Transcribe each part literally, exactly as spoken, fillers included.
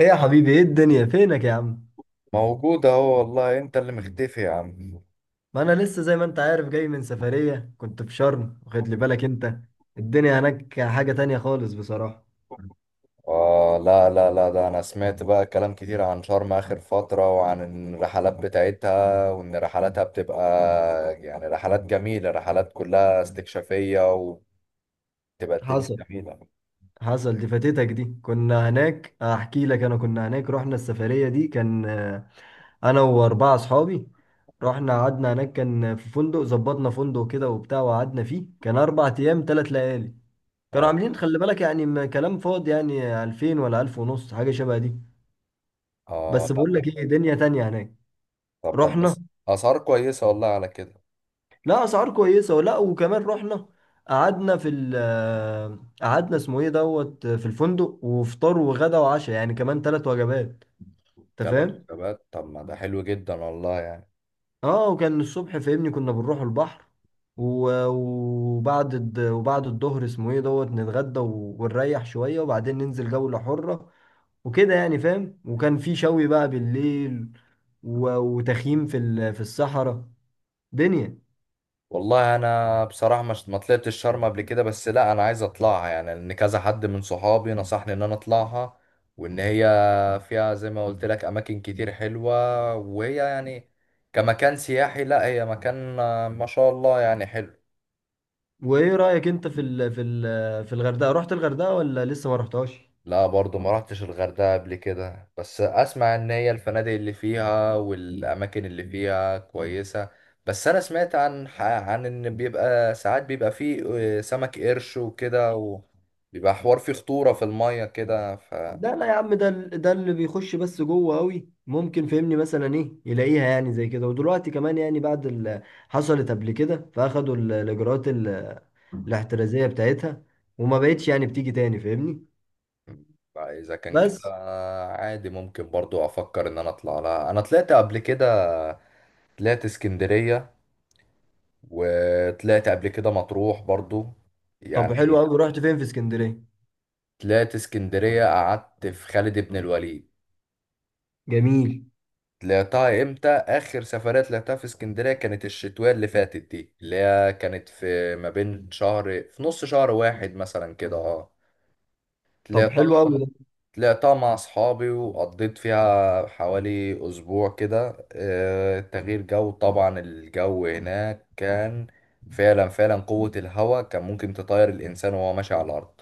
ايه يا حبيبي، ايه الدنيا؟ فينك يا عم؟ موجود اهو، والله انت اللي مختفي يا عم. ما انا لسه زي ما انت عارف جاي من سفرية، كنت في شرم، واخد لي بالك انت الدنيا هناك حاجة تانية خالص بصراحة. آه، لا لا لا، ده انا سمعت بقى كلام كتير عن شرم اخر فترة وعن الرحلات بتاعتها وان رحلاتها بتبقى يعني رحلات جميلة، رحلات كلها استكشافية، وبتبقى الدنيا حصل جميلة. حصل دي فاتتك. دي كنا هناك، احكي لك. انا كنا هناك، رحنا السفرية دي، كان آه، انا واربعة اصحابي. رحنا قعدنا هناك، كان في فندق، ظبطنا فندق كده وبتاع، وقعدنا فيه، كان اربع ايام ثلاث ليالي. كانوا اه. عاملين خلي بالك يعني م- كلام فاضي يعني ألفين ولا ألف ونص، حاجة شبه دي. اه، بس بقول لا. لك ايه، دنيا تانية هناك. طب ده رحنا. بس. اسعار كويسة والله على كده. لا اسعار كويسه ولا، وكمان رحنا. قعدنا في ال قعدنا اسمه ايه دوت في الفندق، وفطار وغدا وعشاء يعني، كمان ثلاث وجبات. انت تلات فاهم. وجبات، طب ما ده حلو جدا والله يعني. اه، وكان الصبح فاهمني كنا بنروح البحر، و- وبعد الد- وبعد الظهر اسمه ايه دوت نتغدى و- ونريح شويه، وبعدين ننزل جوله حره وكده يعني فاهم. وكان في شوي بقى بالليل، و- وتخييم في ال- في الصحراء. دنيا. والله انا بصراحه مش، ما طلعتش شرم قبل كده، بس لا انا عايز اطلعها، يعني ان كذا حد من صحابي نصحني ان انا اطلعها. وان هي فيها زي ما قلت لك اماكن كتير حلوه، وهي يعني كمكان سياحي، لا هي مكان آه، ما شاء الله يعني حلو. وايه رأيك انت في ال في ال في الغردقة؟ رحت الغردقة ولا لسه ما رحتهاش؟ لا برضو ما رحتش الغردقة قبل كده، بس اسمع ان هي الفنادق اللي فيها والاماكن اللي فيها كويسة. بس انا سمعت عن ح- عن ان بيبقى ساعات بيبقى فيه آه، سمك قرش وكده، وبيبقى حوار فيه خطورة في المية كده، ف لا لا يا عم، ده ال- ده اللي بيخش بس جوه قوي، ممكن فهمني مثلا ايه يلاقيها يعني زي كده. ودلوقتي كمان يعني بعد اللي حصلت قبل كده فاخدوا ال- الاجراءات ال- الاحترازية بتاعتها، وما بقتش يعني بتيجي تاني فاهمني. اذا كان بس. كده، عادي ممكن برضو افكر ان انا اطلع لها. انا طلعت قبل كده، طلعت اسكندرية، وطلعت قبل كده مطروح برضو طب حلو يعني. قوي، رحت فين في اسكندرية؟ طلعت اسكندرية، قعدت في خالد بن الوليد. جميل. طلعتها امتى آخر سفرية طلعتها في اسكندرية كانت الشتوية اللي فاتت دي، اللي هي كانت في ما بين شهر، في نص شهر واحد مثلا كده. اه، طب حلو طلعتها. قوي. طلعتها مع أصحابي وقضيت فيها حوالي أسبوع كده. آه، تغيير جو طبعا، الجو هناك كان فعلا فعلا، قوة الهواء كان ممكن تطير الإنسان وهو ماشي على الأرض.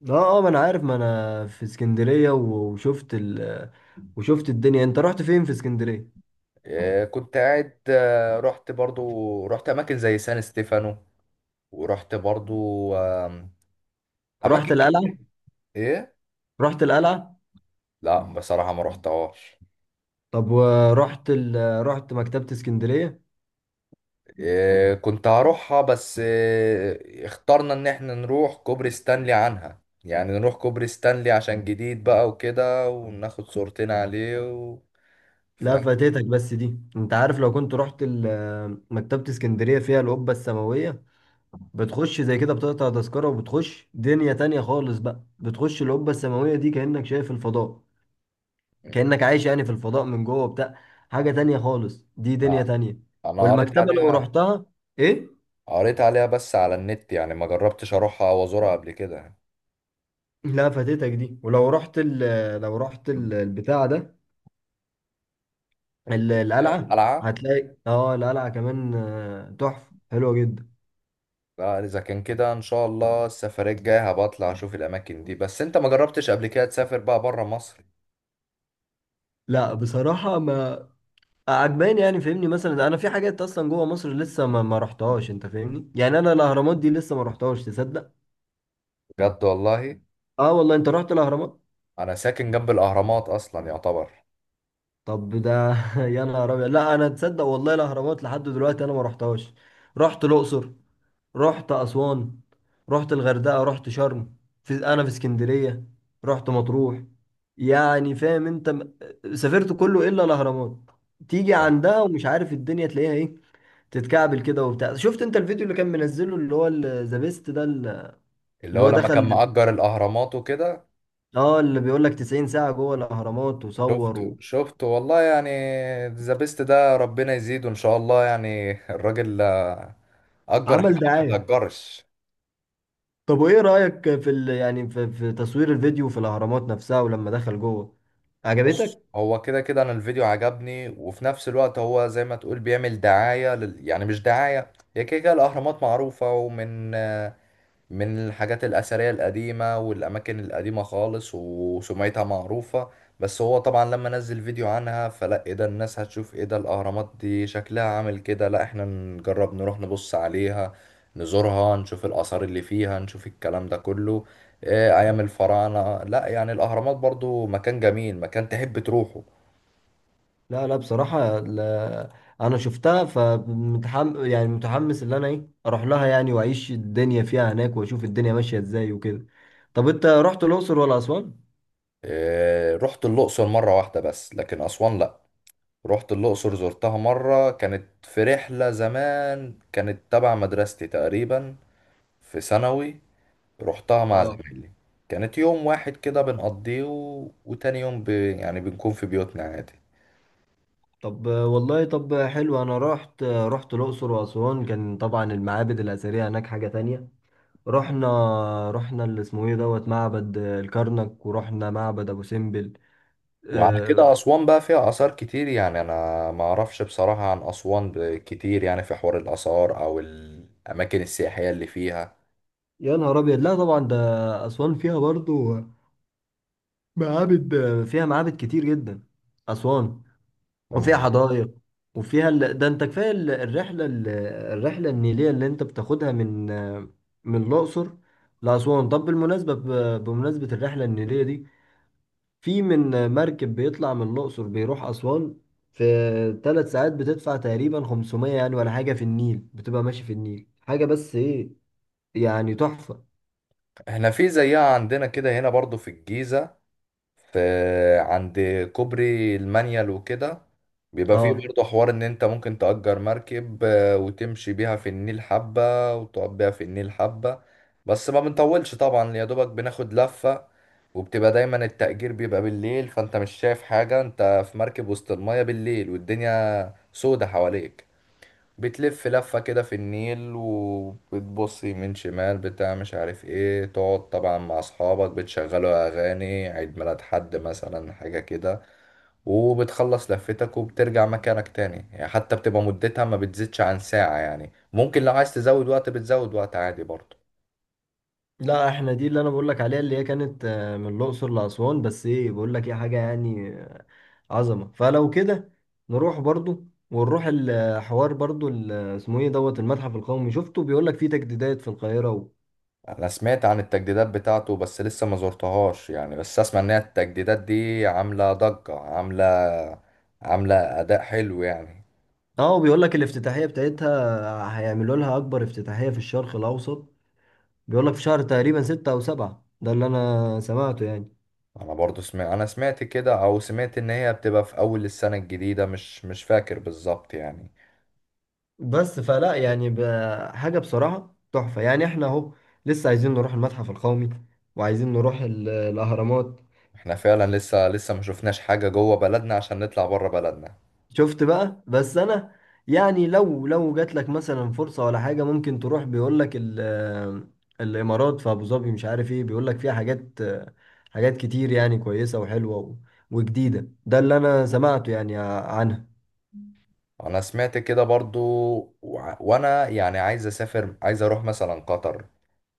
ده اه، اه، ما انا عارف ما انا في اسكندرية، و- وشفت ال وشفت الدنيا. انت رحت فين في اسكندرية؟ آه، كنت قاعد، آه، رحت برضو، رحت اماكن زي سان ستيفانو، ورحت برضو آم، اماكن رحت القلعة؟ ك- ايه. رحت القلعة؟ لا بصراحة ما رحتهاش. طب ورحت ال... رحت مكتبة اسكندرية؟ آه، كنت هروحها، بس آه، اخترنا ان احنا نروح كوبري ستانلي عنها، يعني نروح كوبري ستانلي عشان جديد بقى وكده، وناخد صورتين عليه و... ف... لا فاتتك بس دي. انت عارف لو كنت رحت ال... مكتبة اسكندرية فيها القبة السماوية، بتخش زي كده بتقطع تذكرة وبتخش دنيا تانية خالص بقى. بتخش القبة السماوية دي كأنك شايف الفضاء، مم. كأنك عايش يعني في الفضاء من جوه بتاع. حاجة تانية خالص، دي دنيا لا، تانية. انا قريت والمكتبة لو عليها. رحتها، ايه. قريت عليها بس على النت يعني، ما جربتش اروحها او ازورها قبل كده. لا فاتتك دي. ولو رحت ال... لو رحت ال... البتاع ده، ال- القلعة، قلعة. هتلاقي اه القلعة كمان آه، تحفة حلوة جدا. لا، اذا كان كده ان شاء الله السفرية الجاية هبقى اطلع اشوف الاماكن دي. بس انت ما جربتش قبل كده تسافر بقى بره مصر؟ لا بصراحة ما عجباني يعني فاهمني. مثلا انا في حاجات اصلا جوه مصر لسه ما, ما رحتهاش، انت فاهمني؟ يعني انا الاهرامات دي لسه ما رحتهاش، تصدق؟ بجد والله؟ اه والله، انت رحت الاهرامات؟ انا ساكن جنب الاهرامات اصلا يعتبر. طب ده يا نهار ابيض. لا انا تصدق والله الاهرامات لحد دلوقتي انا ما رحتهاش. رحت الاقصر، رحت أسوان، رحت الغردقة، رحت شرم، في، أنا في اسكندرية، رحت مطروح، يعني فاهم أنت م- سافرت كله إلا الأهرامات. تيجي عندها ومش عارف الدنيا تلاقيها إيه، تتكعبل كده وبتاع. شفت أنت الفيديو اللي كان منزله اللي هو ذا بيست ده، اللي اللي هو هو لما كان دخل؟ مأجر الاهرامات وكده. اه اللي بيقول لك تسعين ساعة جوه الأهرامات، شفته وصور شفته والله يعني. ذا بيست ده ربنا يزيده ان شاء الله يعني. الراجل آه، اجر حاجة وعمل ما دعاية. بتتأجرش. طب وإيه رأيك في ال... يعني في... في تصوير الفيديو في الأهرامات نفسها، ولما دخل جوه، بص، عجبتك؟ هو كده كده انا الفيديو عجبني، وفي نفس الوقت هو زي ما تقول بيعمل دعاية لل... يعني مش دعاية، هي كده كده الاهرامات معروفة ومن من الحاجات الأثرية القديمة والأماكن القديمة خالص وسمعتها معروفة. بس هو طبعا لما نزل فيديو عنها، فلا ايه ده، الناس هتشوف ايه ده، الأهرامات دي شكلها عامل كده. لا، احنا نجرب نروح نبص عليها، نزورها، نشوف الآثار اللي فيها، نشوف الكلام ده كله. إيه أيام الفراعنة. لا يعني الأهرامات برضو مكان جميل، مكان تحب تروحه. لا لا بصراحة، لا أنا شفتها، فمتحم يعني متحمس إن أنا إيه أروح لها يعني، وأعيش الدنيا فيها هناك، وأشوف الدنيا ماشية إزاي وكده. طب أنت رحت الأقصر ولا أسوان؟ إيه، رحت الأقصر مرة واحدة بس، لكن أسوان لا. رحت الأقصر، زرتها مرة، كانت في رحلة زمان كانت تبع مدرستي تقريبا، في ثانوي. رحتها مع آه. زمايلي. كانت يوم واحد كده بنقضيه، و... وتاني يوم ب... يعني بنكون في بيوتنا عادي. طب والله، طب حلو. أنا رحت رحت الأقصر وأسوان، كان طبعا المعابد الأثرية هناك حاجة تانية. رحنا رحنا اللي اسمه إيه دوت معبد الكرنك، ورحنا معبد أبو سمبل. وعلى آه. كده أسوان بقى فيها آثار كتير يعني، أنا ما أعرفش بصراحة عن أسوان ب- كتير، يعني في حوار الآثار أو الأماكن السياحية اللي فيها. يا نهار أبيض، لا طبعا ده أسوان فيها برضو معابد، فيها معابد كتير جدا أسوان. وفيها مم. حدائق، وفيها ال... ده انت كفاية ال- الرحلة ال- الرحلة النيلية اللي انت بتاخدها من من الأقصر لأسوان. طب بالمناسبة ب... بمناسبة الرحلة النيلية دي في من مركب بيطلع من الأقصر بيروح أسوان في ثلاث ساعات، بتدفع تقريبا خمسمية يعني ولا حاجة، في النيل بتبقى ماشي في النيل، حاجة بس ايه يعني تحفة. احنا في زيها عندنا كده هنا برضو في الجيزة، في عند كوبري المانيال وكده، بيبقى فيه اه، برضه حوار ان انت ممكن تأجر مركب، آه، وتمشي بيها في النيل حبة، وتقعد بيها في النيل حبة. بس ما بنطولش طبعا، يا دوبك بناخد لفة. وبتبقى دايما التأجير بيبقى بالليل، فانت مش شايف حاجة، انت في مركب وسط المية بالليل والدنيا سودة حواليك. بتلف لفة كده في النيل، وبتبص يمين شمال بتاع مش عارف ايه، تقعد طبعا مع اصحابك بتشغلوا اغاني عيد ميلاد حد مثلا، حاجة كده. وبتخلص لفتك وبترجع مكانك تاني، يعني حتى بتبقى مدتها ما بتزيدش عن ساعة يعني، ممكن لو عايز تزود وقت بتزود وقت عادي برضه. لا احنا دي اللي انا بقول لك عليها، اللي هي كانت آه، من الاقصر لاسوان، بس ايه بقول لك ايه حاجه يعني آه، عظمه. فلو كده نروح برضو، ونروح الحوار برضو ال- آه، اسمه ايه دوت المتحف القومي، شفته بيقول لك فيه تجديدات في القاهره و... انا سمعت عن التجديدات بتاعته، بس لسه ما زرتهاش يعني، بس اسمع ان هي التجديدات دي عاملة ضجة، عاملة عاملة اداء حلو يعني. اه، وبيقول لك الافتتاحيه بتاعتها آه، هيعملوا لها اكبر افتتاحيه في الشرق الاوسط. بيقول لك في شهر تقريبا ستة او سبعة، ده اللي انا سمعته يعني. انا برضو سمعت، انا سمعت كده، او سمعت ان هي بتبقى في اول السنة الجديدة، مش مش فاكر بالظبط يعني. بس فلا يعني ب- حاجة بصراحة تحفة يعني. احنا اهو لسه عايزين نروح المتحف القومي، وعايزين نروح ال- الأهرامات. احنا فعلا لسه لسه ما شفناش حاجة جوه بلدنا عشان نطلع بره بلدنا. شفت بقى؟ بس أنا يعني لو لو جات لك مثلا فرصة ولا حاجة ممكن تروح، بيقول لك ال- الإمارات في أبو ظبي مش عارف ايه، بيقول لك فيها حاجات، حاجات كتير يعني كويسة وحلوة و- وجديدة. ده اللي أنا سمعته يعني عنها. انا سمعت كده برضو. وع- وانا يعني عايز اسافر، عايز اروح مثلا قطر،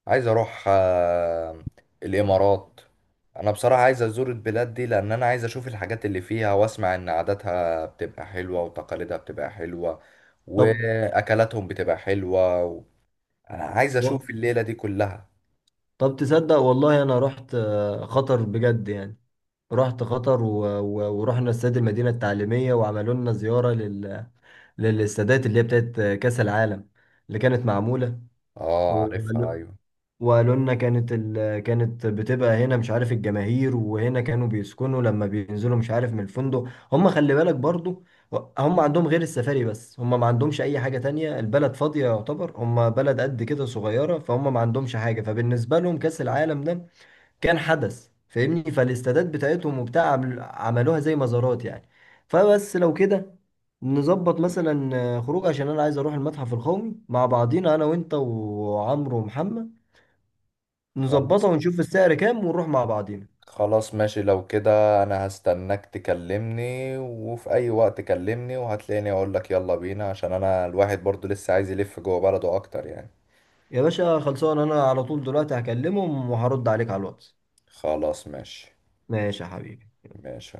عايز اروح آه، الامارات. انا بصراحة عايز ازور البلاد دي، لان انا عايز اشوف الحاجات اللي فيها واسمع ان عاداتها بتبقى حلوة وتقاليدها بتبقى حلوة طب واكلاتهم بتبقى حلوة. انا عايز و- اشوف الليلة دي كلها. طب تصدق والله، أنا رحت آه، خطر بجد يعني، رحت قطر و... و... ورحنا استاد المدينة التعليمية، وعملوا لنا زيارة لل... للاستادات اللي هي بتاعت كأس العالم اللي كانت معمولة. اه، عارفها، وقالوا ايوه. وقالوا لنا كانت ال... كانت بتبقى هنا مش عارف الجماهير، وهنا كانوا بيسكنوا لما بينزلوا مش عارف من الفندق. هم خلي بالك برضو هم عندهم غير السفاري، بس هم ما عندهمش أي حاجة تانية، البلد فاضية يعتبر، هم بلد قد كده صغيرة، فهم ما عندهمش حاجة. فبالنسبة لهم كأس العالم ده كان حدث فاهمني، فالاستادات بتاعتهم وبتاع عمل- عملوها زي مزارات يعني. فبس لو كده نظبط مثلا آه، خروج، عشان انا عايز اروح المتحف القومي مع بعضينا، انا وانت وعمرو ومحمد، خلاص. نظبطها ونشوف السعر كام، ونروح مع بعضينا. خلاص ماشي لو كده، انا هستناك تكلمني، وفي اي وقت كلمني وهتلاقيني اقول لك يلا بينا، عشان انا الواحد برضو لسه عايز يلف جوه بلده اكتر يعني. يا باشا خلصان، انا على طول دلوقتي هكلمهم وهرد عليك على الواتس. خلاص ماشي. ماشي يا حبيبي. ماشي.